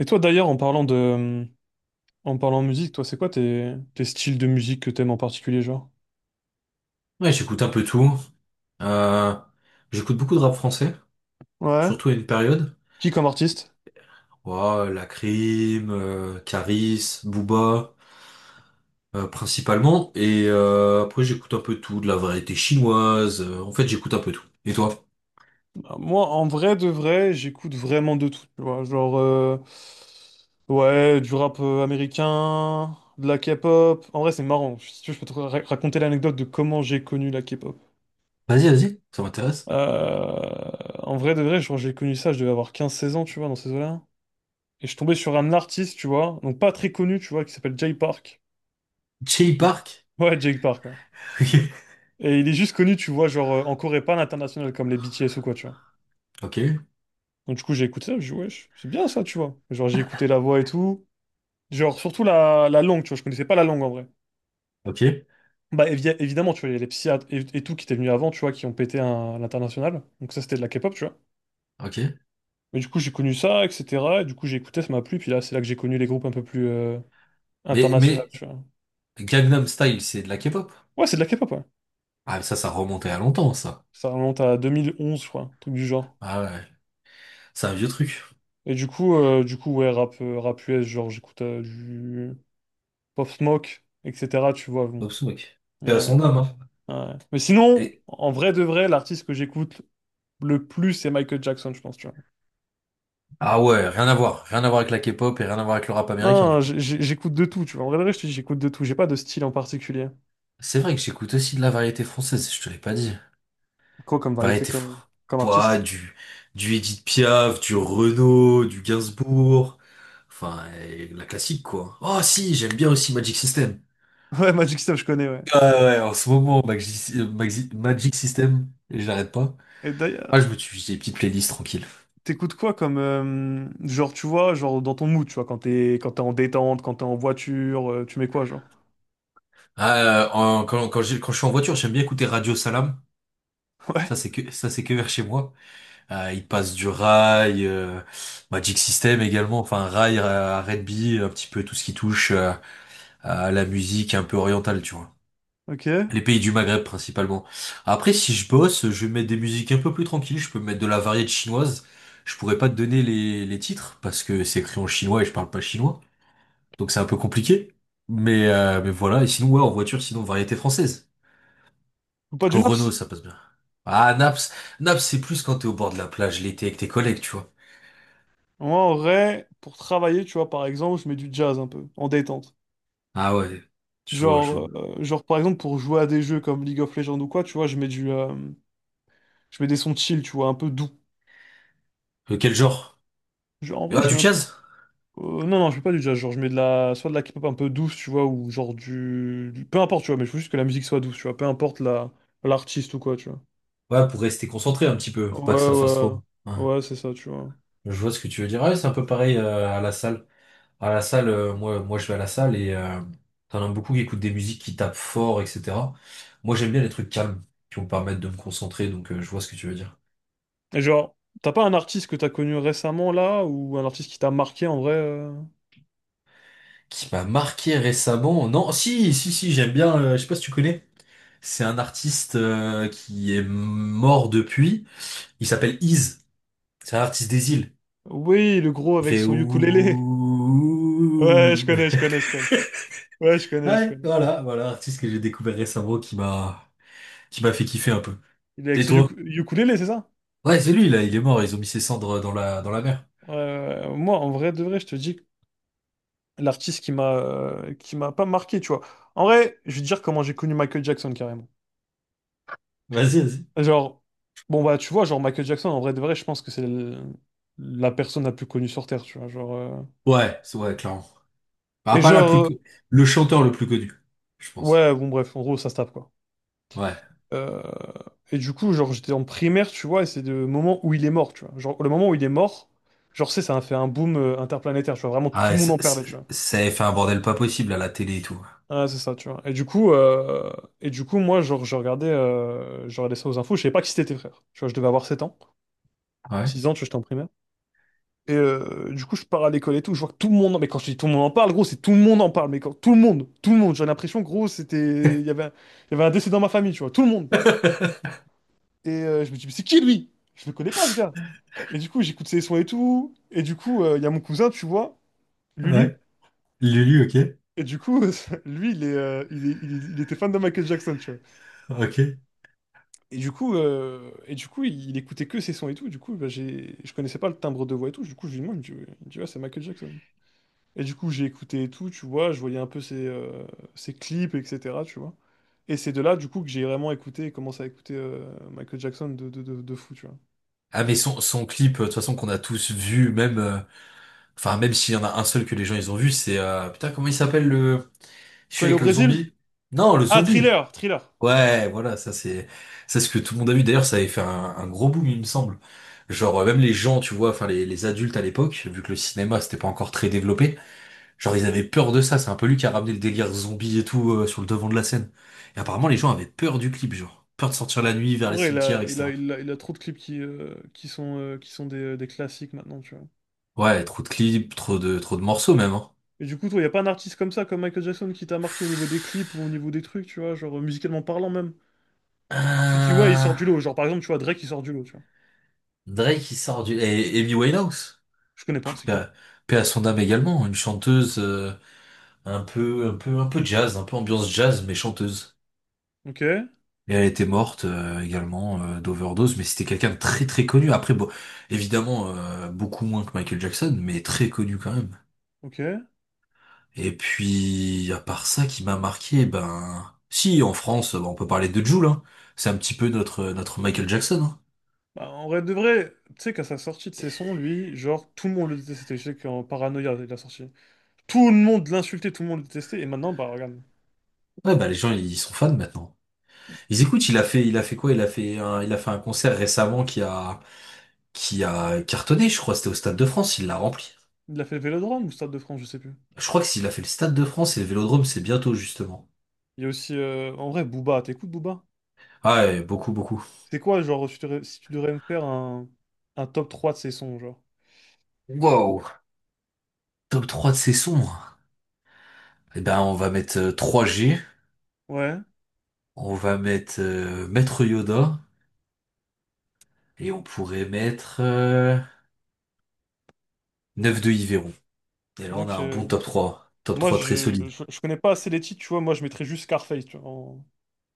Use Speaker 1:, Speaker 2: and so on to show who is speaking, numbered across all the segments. Speaker 1: Et toi d'ailleurs, en parlant musique, toi, c'est quoi tes styles de musique que t'aimes en particulier, genre?
Speaker 2: Ouais, j'écoute un peu tout. Euh, j'écoute beaucoup de rap français,
Speaker 1: Ouais.
Speaker 2: surtout à une période.
Speaker 1: Qui comme artiste?
Speaker 2: Ouais, Lacrim, Karis, Booba, principalement. Et après, j'écoute un peu de tout, de la variété chinoise. En fait, j'écoute un peu tout. Et toi?
Speaker 1: Bah, moi, en vrai de vrai, j'écoute vraiment de tout, tu vois. Genre, ouais, du rap américain, de la K-pop. En vrai, c'est marrant. Si tu veux, je peux te raconter l'anecdote de comment j'ai connu la K-pop.
Speaker 2: Vas-y, vas-y, ça m'intéresse.
Speaker 1: Euh, en vrai de vrai, genre, j'ai connu ça, je devais avoir 15-16 ans, tu vois, dans ces eaux-là. Et je tombais sur un artiste, tu vois, donc pas très connu, tu vois, qui s'appelle Jay Park.
Speaker 2: Jay Park?
Speaker 1: Ouais, Jake Park, ouais. Et il est juste connu, tu vois, genre, en Corée, pas à l'international comme les BTS ou quoi, tu vois.
Speaker 2: Ok,
Speaker 1: Donc du coup, j'ai écouté ça, je dit wesh, c'est bien ça, tu vois. Genre, j'ai écouté la voix et tout. Genre, surtout la langue, tu vois, je connaissais pas la langue en vrai.
Speaker 2: ok,
Speaker 1: Bah, évidemment, tu vois, il y a les psychiatres et tout qui étaient venus avant, tu vois, qui ont pété à l'international. Donc ça, c'était de la K-pop, tu vois.
Speaker 2: ok.
Speaker 1: Mais du coup, j'ai connu ça, etc. Et du coup, j'ai écouté, ça m'a plu. Puis là, c'est là que j'ai connu les groupes un peu plus
Speaker 2: Mais,
Speaker 1: internationaux,
Speaker 2: mais
Speaker 1: tu vois.
Speaker 2: Gangnam Style, c'est de la K-pop?
Speaker 1: Ouais, c'est de la K-pop, ouais.
Speaker 2: Ah, ça remontait à longtemps, ça.
Speaker 1: Ça remonte à 2011, je crois, un truc du genre.
Speaker 2: Ah ouais, c'est un vieux truc.
Speaker 1: Et du coup, ouais, rap US, genre, j'écoute du... Pop Smoke, etc. Tu vois,
Speaker 2: Pop
Speaker 1: bon.
Speaker 2: Smoke. Paix à
Speaker 1: Ouais,
Speaker 2: son âme, hein.
Speaker 1: ouais. Mais sinon,
Speaker 2: Et-
Speaker 1: en vrai de vrai, l'artiste que j'écoute le plus, c'est Michael Jackson, je pense, tu vois.
Speaker 2: Ah ouais, rien à voir. Rien à voir avec la K-pop et rien à voir avec le rap américain, du
Speaker 1: Non,
Speaker 2: coup.
Speaker 1: j'écoute de tout, tu vois. En vrai de vrai, je te dis, j'écoute de tout. J'ai pas de style en particulier.
Speaker 2: C'est vrai que j'écoute aussi de la variété française, je te l'ai pas dit.
Speaker 1: Quoi comme variété,
Speaker 2: Variété fr-
Speaker 1: comme
Speaker 2: Ouah,
Speaker 1: artiste?
Speaker 2: du Edith Piaf, du Renaud, du Gainsbourg. Enfin, la classique, quoi. Oh si, j'aime bien aussi Magic System.
Speaker 1: Ouais, Magic Step, je connais, ouais.
Speaker 2: Ouais, ouais, en ce moment, Magic System, j'arrête pas.
Speaker 1: Et
Speaker 2: Ah, je
Speaker 1: d'ailleurs,
Speaker 2: me suis fait des petites playlists tranquilles.
Speaker 1: t'écoutes quoi comme... genre, tu vois, genre dans ton mood, tu vois, quand t'es en détente, quand t'es en voiture, tu mets quoi, genre?
Speaker 2: Ah, quand je suis en voiture, j'aime bien écouter Radio Salam.
Speaker 1: Ouais,
Speaker 2: Ça, c'est que vers chez moi. Il passe du Rai, Magic System également, enfin Rai, R&B, un petit peu tout ce qui touche à la musique un peu orientale, tu vois.
Speaker 1: ok.
Speaker 2: Les pays du Maghreb principalement. Après, si je bosse, je vais mettre des musiques un peu plus tranquilles, je peux mettre de la variété chinoise. Je pourrais pas te donner les titres parce que c'est écrit en chinois et je parle pas chinois, donc c'est un peu compliqué. Mais voilà, et sinon, ouais, en voiture, sinon, variété française.
Speaker 1: Ou pas du
Speaker 2: Au Renault,
Speaker 1: naps?
Speaker 2: ça passe bien. Ah, Naps, Naps, c'est plus quand t'es au bord de la plage l'été avec tes collègues, tu vois.
Speaker 1: Moi, en vrai, pour travailler, tu vois, par exemple, je mets du jazz un peu, en détente.
Speaker 2: Ah ouais, je vois, je
Speaker 1: Genre,
Speaker 2: vois.
Speaker 1: genre, par exemple, pour jouer à des jeux comme League of Legends ou quoi, tu vois, je mets des sons chill, tu vois, un peu doux.
Speaker 2: Quel genre?
Speaker 1: Genre, en vrai,
Speaker 2: Ah,
Speaker 1: je
Speaker 2: du
Speaker 1: mets un peu...
Speaker 2: jazz?
Speaker 1: non, non, je mets pas du jazz, genre, je mets de la... soit de la K-pop un peu douce, tu vois, ou genre peu importe, tu vois, mais je veux juste que la musique soit douce, tu vois, l'artiste ou quoi, tu vois.
Speaker 2: Ouais, pour rester concentré un petit peu, pas que
Speaker 1: Ouais,
Speaker 2: ça fasse trop.
Speaker 1: ouais,
Speaker 2: Ouais.
Speaker 1: ouais, c'est ça, tu vois.
Speaker 2: Je vois ce que tu veux dire. Ouais, c'est un peu pareil à la salle. À la salle, moi, je vais à la salle et t'en as beaucoup qui écoutent des musiques qui tapent fort, etc. Moi, j'aime bien les trucs calmes qui vont me permettre de me concentrer, donc je vois ce que tu veux dire.
Speaker 1: Et genre, t'as pas un artiste que t'as connu récemment, là, ou un artiste qui t'a marqué, en vrai?
Speaker 2: Qui m'a marqué récemment? Non, si, si, si, j'aime bien. Je sais pas si tu connais. C'est un artiste qui est mort depuis. Il s'appelle Ease. C'est un artiste des îles.
Speaker 1: Oui, le gros
Speaker 2: Il
Speaker 1: avec
Speaker 2: fait
Speaker 1: son ukulélé. Ouais, je
Speaker 2: ouh.
Speaker 1: connais, je connais, je connais. Ouais, je connais, je
Speaker 2: Ouais,
Speaker 1: connais.
Speaker 2: voilà, voilà, l'artiste que j'ai découvert récemment qui m'a fait kiffer un peu.
Speaker 1: Il est avec
Speaker 2: Et
Speaker 1: son
Speaker 2: toi?
Speaker 1: ukulélé, c'est ça?
Speaker 2: Ouais, c'est lui là, il est mort, ils ont mis ses cendres dans la mer.
Speaker 1: Moi, en vrai, de vrai, je te dis que l'artiste qui m'a pas marqué, tu vois. En vrai, je vais te dire comment j'ai connu Michael Jackson carrément.
Speaker 2: Vas-y, vas-y.
Speaker 1: Genre, bon bah tu vois, genre Michael Jackson, en vrai, de vrai, je pense que c'est la personne la plus connue sur Terre, tu vois. Genre,
Speaker 2: Ouais, c'est ouais, clairement. Bah,
Speaker 1: et
Speaker 2: pas la plus
Speaker 1: genre,
Speaker 2: le chanteur le plus connu, je pense.
Speaker 1: ouais, bon bref, en gros, ça se tape quoi.
Speaker 2: Ouais.
Speaker 1: Euh, Et du coup, genre, j'étais en primaire, tu vois, et c'est le moment où il est mort, tu vois. Genre, le moment où il est mort, genre, ça a fait un boom interplanétaire, tu vois. Vraiment,
Speaker 2: Ah,
Speaker 1: tout
Speaker 2: ouais,
Speaker 1: le monde en parlait, tu vois.
Speaker 2: ça avait fait un bordel pas possible à la télé et tout.
Speaker 1: Ah, c'est ça, tu vois. Et du coup moi, genre, je regardais ça aux infos. Je savais pas qui c'était tes frères. Tu vois, je devais avoir 7 ans,
Speaker 2: Ouais.
Speaker 1: 6 ans, tu vois, j'étais en primaire. Et du coup, je pars à l'école et tout. Je vois que tout le monde. Mais quand je dis tout le monde en parle, gros, c'est tout le monde en parle. Mais quand tout le monde, j'ai l'impression, gros, c'était. Il y avait un décès dans ma famille, tu vois, tout le monde. Et je me dis, mais c'est qui lui? Je le connais pas, ce gars. Et du coup, j'écoute ses sons et tout. Et du coup, il y a mon cousin, tu vois, Lulu.
Speaker 2: Ouais. Lulu, ok.
Speaker 1: Et du coup, lui, il était fan de Michael Jackson, tu vois.
Speaker 2: Ok.
Speaker 1: Et du coup, il écoutait que ses sons et tout. Du coup, bah, je connaissais pas le timbre de voix et tout. Du coup, je lui demande, il me dit, ouais. Il me dit, ouais, c'est Michael Jackson. Et du coup, j'ai écouté et tout, tu vois. Je voyais un peu ses clips, etc. Tu vois. Et c'est de là, du coup, que j'ai vraiment écouté et commencé à écouter Michael Jackson de fou, tu vois.
Speaker 2: Ah mais son clip, de toute façon qu'on a tous vu, même. Enfin, même s'il y en a un seul que les gens ils ont vu, c'est putain comment il s'appelle le je
Speaker 1: Quand
Speaker 2: suis
Speaker 1: il est au
Speaker 2: avec le
Speaker 1: Brésil?
Speaker 2: zombie? Non, le
Speaker 1: Ah,
Speaker 2: zombie.
Speaker 1: Thriller, Thriller.
Speaker 2: Ouais, voilà, ça c'est ce que tout le monde a vu. D'ailleurs, ça avait fait un gros boom, il me semble. Genre même les gens, tu vois, enfin les adultes à l'époque, vu que le cinéma c'était pas encore très développé, genre ils avaient peur de ça. C'est un peu lui qui a ramené le délire zombie et tout sur le devant de la scène. Et apparemment les gens avaient peur du clip, genre peur de sortir la nuit vers
Speaker 1: En
Speaker 2: les
Speaker 1: vrai, il
Speaker 2: cimetières,
Speaker 1: a, il a,
Speaker 2: etc.
Speaker 1: il a, il a trop de clips qui sont des classiques maintenant, tu vois.
Speaker 2: Ouais, trop de clips, trop de morceaux même. Hein.
Speaker 1: Et du coup, toi, il a pas un artiste comme ça, comme Michael Jackson, qui t'a marqué au niveau des clips ou au niveau des trucs, tu vois, genre musicalement parlant même. Tu te dis, ouais, il sort
Speaker 2: Euh,
Speaker 1: du lot. Genre, par exemple, tu vois, Drake, il sort du lot, tu vois.
Speaker 2: Drake qui sort du... Et Amy Winehouse.
Speaker 1: Je connais pas, c'est
Speaker 2: Paix
Speaker 1: qui?
Speaker 2: à, paix à son âme également. Une chanteuse un peu jazz, un peu ambiance jazz, mais chanteuse.
Speaker 1: Ok,
Speaker 2: Et elle était morte également d'overdose, mais c'était quelqu'un de très très connu. Après, bon, évidemment, beaucoup moins que Michael Jackson, mais très connu quand même.
Speaker 1: ok.
Speaker 2: Et puis, à part ça qui m'a marqué, ben... Si, en France, ben on peut parler de Jul, hein. C'est un petit peu notre Michael Jackson, hein.
Speaker 1: Bah, en vrai de vrai, tu sais, qu'à sa sortie de ses sons, lui, genre, tout le monde le détestait. Je sais qu'en paranoïa il a sorti. Tout le monde l'insultait, tout le monde le détestait. Et maintenant, bah, regarde.
Speaker 2: Ouais, bah les gens, ils sont fans maintenant. Ils écoutent, il a fait quoi? Il a fait un concert récemment qui a cartonné, je crois. C'était au Stade de France, il l'a rempli.
Speaker 1: Il a fait le Vélodrome ou Stade de France, je sais plus.
Speaker 2: Je crois que s'il a fait le Stade de France et le Vélodrome, c'est bientôt, justement.
Speaker 1: Il y a aussi, en vrai, Booba. T'écoutes Booba?
Speaker 2: Ah ouais, beaucoup, beaucoup.
Speaker 1: C'est quoi, genre, si tu devrais me faire un top 3 de ses sons, genre?
Speaker 2: Wow. Top 3 de ses sons. Eh ben, on va mettre 3G.
Speaker 1: Ouais.
Speaker 2: On va mettre Maître Yoda. Et on pourrait mettre 9 de Yveron. Et là, on a
Speaker 1: Donc,
Speaker 2: un bon top 3. Top
Speaker 1: moi,
Speaker 2: 3 très
Speaker 1: je,
Speaker 2: solide.
Speaker 1: je, je connais pas assez les titres, tu vois. Moi, je mettrais juste Scarface, tu vois.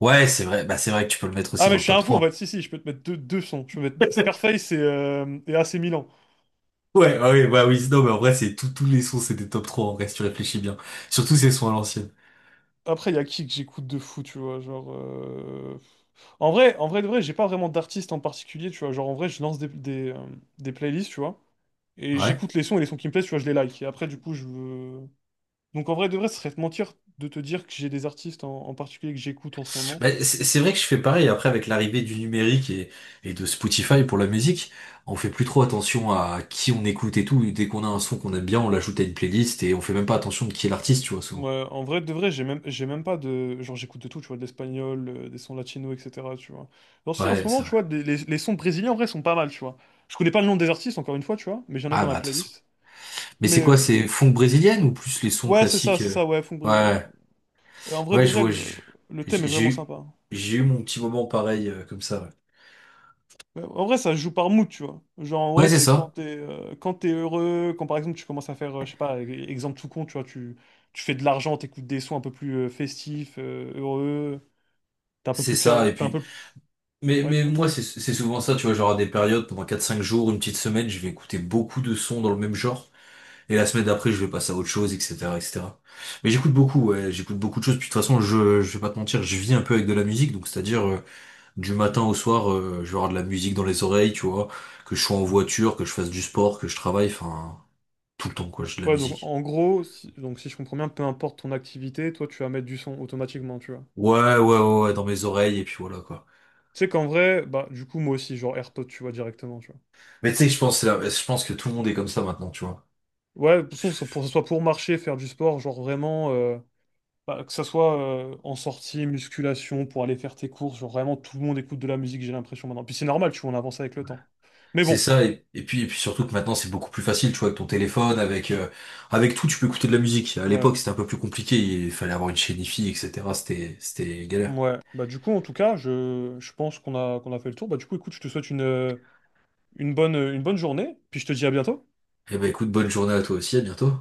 Speaker 2: Ouais, c'est vrai. Bah, c'est vrai que tu peux le mettre aussi
Speaker 1: Ah mais
Speaker 2: dans
Speaker 1: je
Speaker 2: le
Speaker 1: suis
Speaker 2: top
Speaker 1: un fou en fait,
Speaker 2: 3.
Speaker 1: si si, je peux te mettre deux sons. Je peux mettre Scarface et AC Milan.
Speaker 2: Ouais, ah oui, bah oui, non, mais en vrai, c'est tous les sons, c'est des top 3 en vrai, si tu réfléchis bien. Surtout ces sons à l'ancienne.
Speaker 1: Après, il y a qui que j'écoute de fou, tu vois, genre... En en vrai de vrai, j'ai pas vraiment d'artiste en particulier, tu vois, genre en vrai, je lance des playlists, tu vois, et
Speaker 2: Ouais.
Speaker 1: j'écoute les sons et les sons qui me plaisent, tu vois, je les like. Et après, du coup. Donc en vrai de vrai, ce serait te mentir de te dire que j'ai des artistes en particulier que j'écoute en ce moment.
Speaker 2: Bah, c'est vrai que je fais pareil, après, avec l'arrivée du numérique et de Spotify pour la musique, on fait plus trop attention à qui on écoute et tout. Dès qu'on a un son qu'on aime bien, on l'ajoute à une playlist et on fait même pas attention de qui est l'artiste, tu vois, souvent.
Speaker 1: Ouais, en vrai, de vrai, j'ai même pas de... Genre, j'écoute de tout, tu vois, de l'espagnol, des sons latinos, etc., tu vois. Alors si, en
Speaker 2: Ouais,
Speaker 1: ce moment,
Speaker 2: c'est
Speaker 1: tu
Speaker 2: vrai.
Speaker 1: vois, les sons brésiliens, en vrai, sont pas mal, tu vois. Je connais pas le nom des artistes, encore une fois, tu vois, mais j'en ai
Speaker 2: Ah
Speaker 1: dans
Speaker 2: bah,
Speaker 1: la
Speaker 2: de toute façon.
Speaker 1: playlist.
Speaker 2: Mais
Speaker 1: Mais,
Speaker 2: c'est quoi, c'est funk brésilienne ou plus les sons
Speaker 1: ouais,
Speaker 2: classiques?
Speaker 1: c'est ça, ouais, funk brésilien, ouais.
Speaker 2: Ouais,
Speaker 1: Et en vrai,
Speaker 2: ouais,
Speaker 1: de
Speaker 2: je
Speaker 1: vrai,
Speaker 2: vois,
Speaker 1: le, le thème
Speaker 2: j'ai
Speaker 1: est
Speaker 2: j'ai
Speaker 1: vraiment
Speaker 2: eu,
Speaker 1: sympa.
Speaker 2: j'ai eu mon petit moment pareil, comme ça, ouais.
Speaker 1: Ouais, en vrai, ça se joue par mood, tu vois. Genre, en vrai,
Speaker 2: Ouais, c'est
Speaker 1: c'est
Speaker 2: ça.
Speaker 1: quand t'es heureux, quand, par exemple, tu commences à faire, je sais pas, exemple tout con, tu vois, tu fais de l'argent, t'écoutes des sons un peu plus festifs, heureux, t'es un peu
Speaker 2: C'est
Speaker 1: plus...
Speaker 2: ça, et
Speaker 1: T'es un
Speaker 2: puis...
Speaker 1: peu plus...
Speaker 2: Mais,
Speaker 1: Ouais,
Speaker 2: mais
Speaker 1: dis-moi.
Speaker 2: moi, c'est souvent ça, tu vois, genre à des périodes, pendant quatre cinq jours, une petite semaine, je vais écouter beaucoup de sons dans le même genre, et la semaine d'après, je vais passer à autre chose, etc., etc. Mais j'écoute beaucoup, ouais, j'écoute beaucoup de choses, puis de toute façon, je vais pas te mentir, je vis un peu avec de la musique, donc c'est-à-dire, du matin au soir, je vais avoir de la musique dans les oreilles, tu vois, que je sois en voiture, que je fasse du sport, que je travaille, enfin, tout le temps, quoi, j'ai de la
Speaker 1: Ouais, donc
Speaker 2: musique.
Speaker 1: en gros, si je comprends bien, peu importe ton activité, toi tu vas mettre du son automatiquement, tu vois.
Speaker 2: Ouais, ouais, ouais, ouais, dans mes oreilles, et puis voilà, quoi.
Speaker 1: Tu sais qu'en vrai, bah du coup moi aussi, genre AirPod, tu vois, directement, tu vois.
Speaker 2: Mais tu sais, je pense que tout le monde est comme ça maintenant, tu vois.
Speaker 1: Ouais, de toute façon, c'est pour, que ce soit pour marcher, faire du sport, genre vraiment, bah, que ça soit en sortie, musculation, pour aller faire tes courses, genre vraiment tout le monde écoute de la musique, j'ai l'impression maintenant. Puis c'est normal, tu vois, on avance avec le temps. Mais
Speaker 2: C'est
Speaker 1: bon,
Speaker 2: ça, et puis surtout que maintenant c'est beaucoup plus facile, tu vois, avec ton téléphone, avec tout, tu peux écouter de la musique. À l'époque
Speaker 1: ouais,
Speaker 2: c'était un peu plus compliqué, il fallait avoir une chaîne hi etc. C'était galère.
Speaker 1: ouais. Bah du coup, en tout cas, je pense qu'on a fait le tour. Bah du coup, écoute, je te souhaite une bonne journée, puis je te dis à bientôt.
Speaker 2: Eh ben écoute, bonne journée à toi aussi, à bientôt.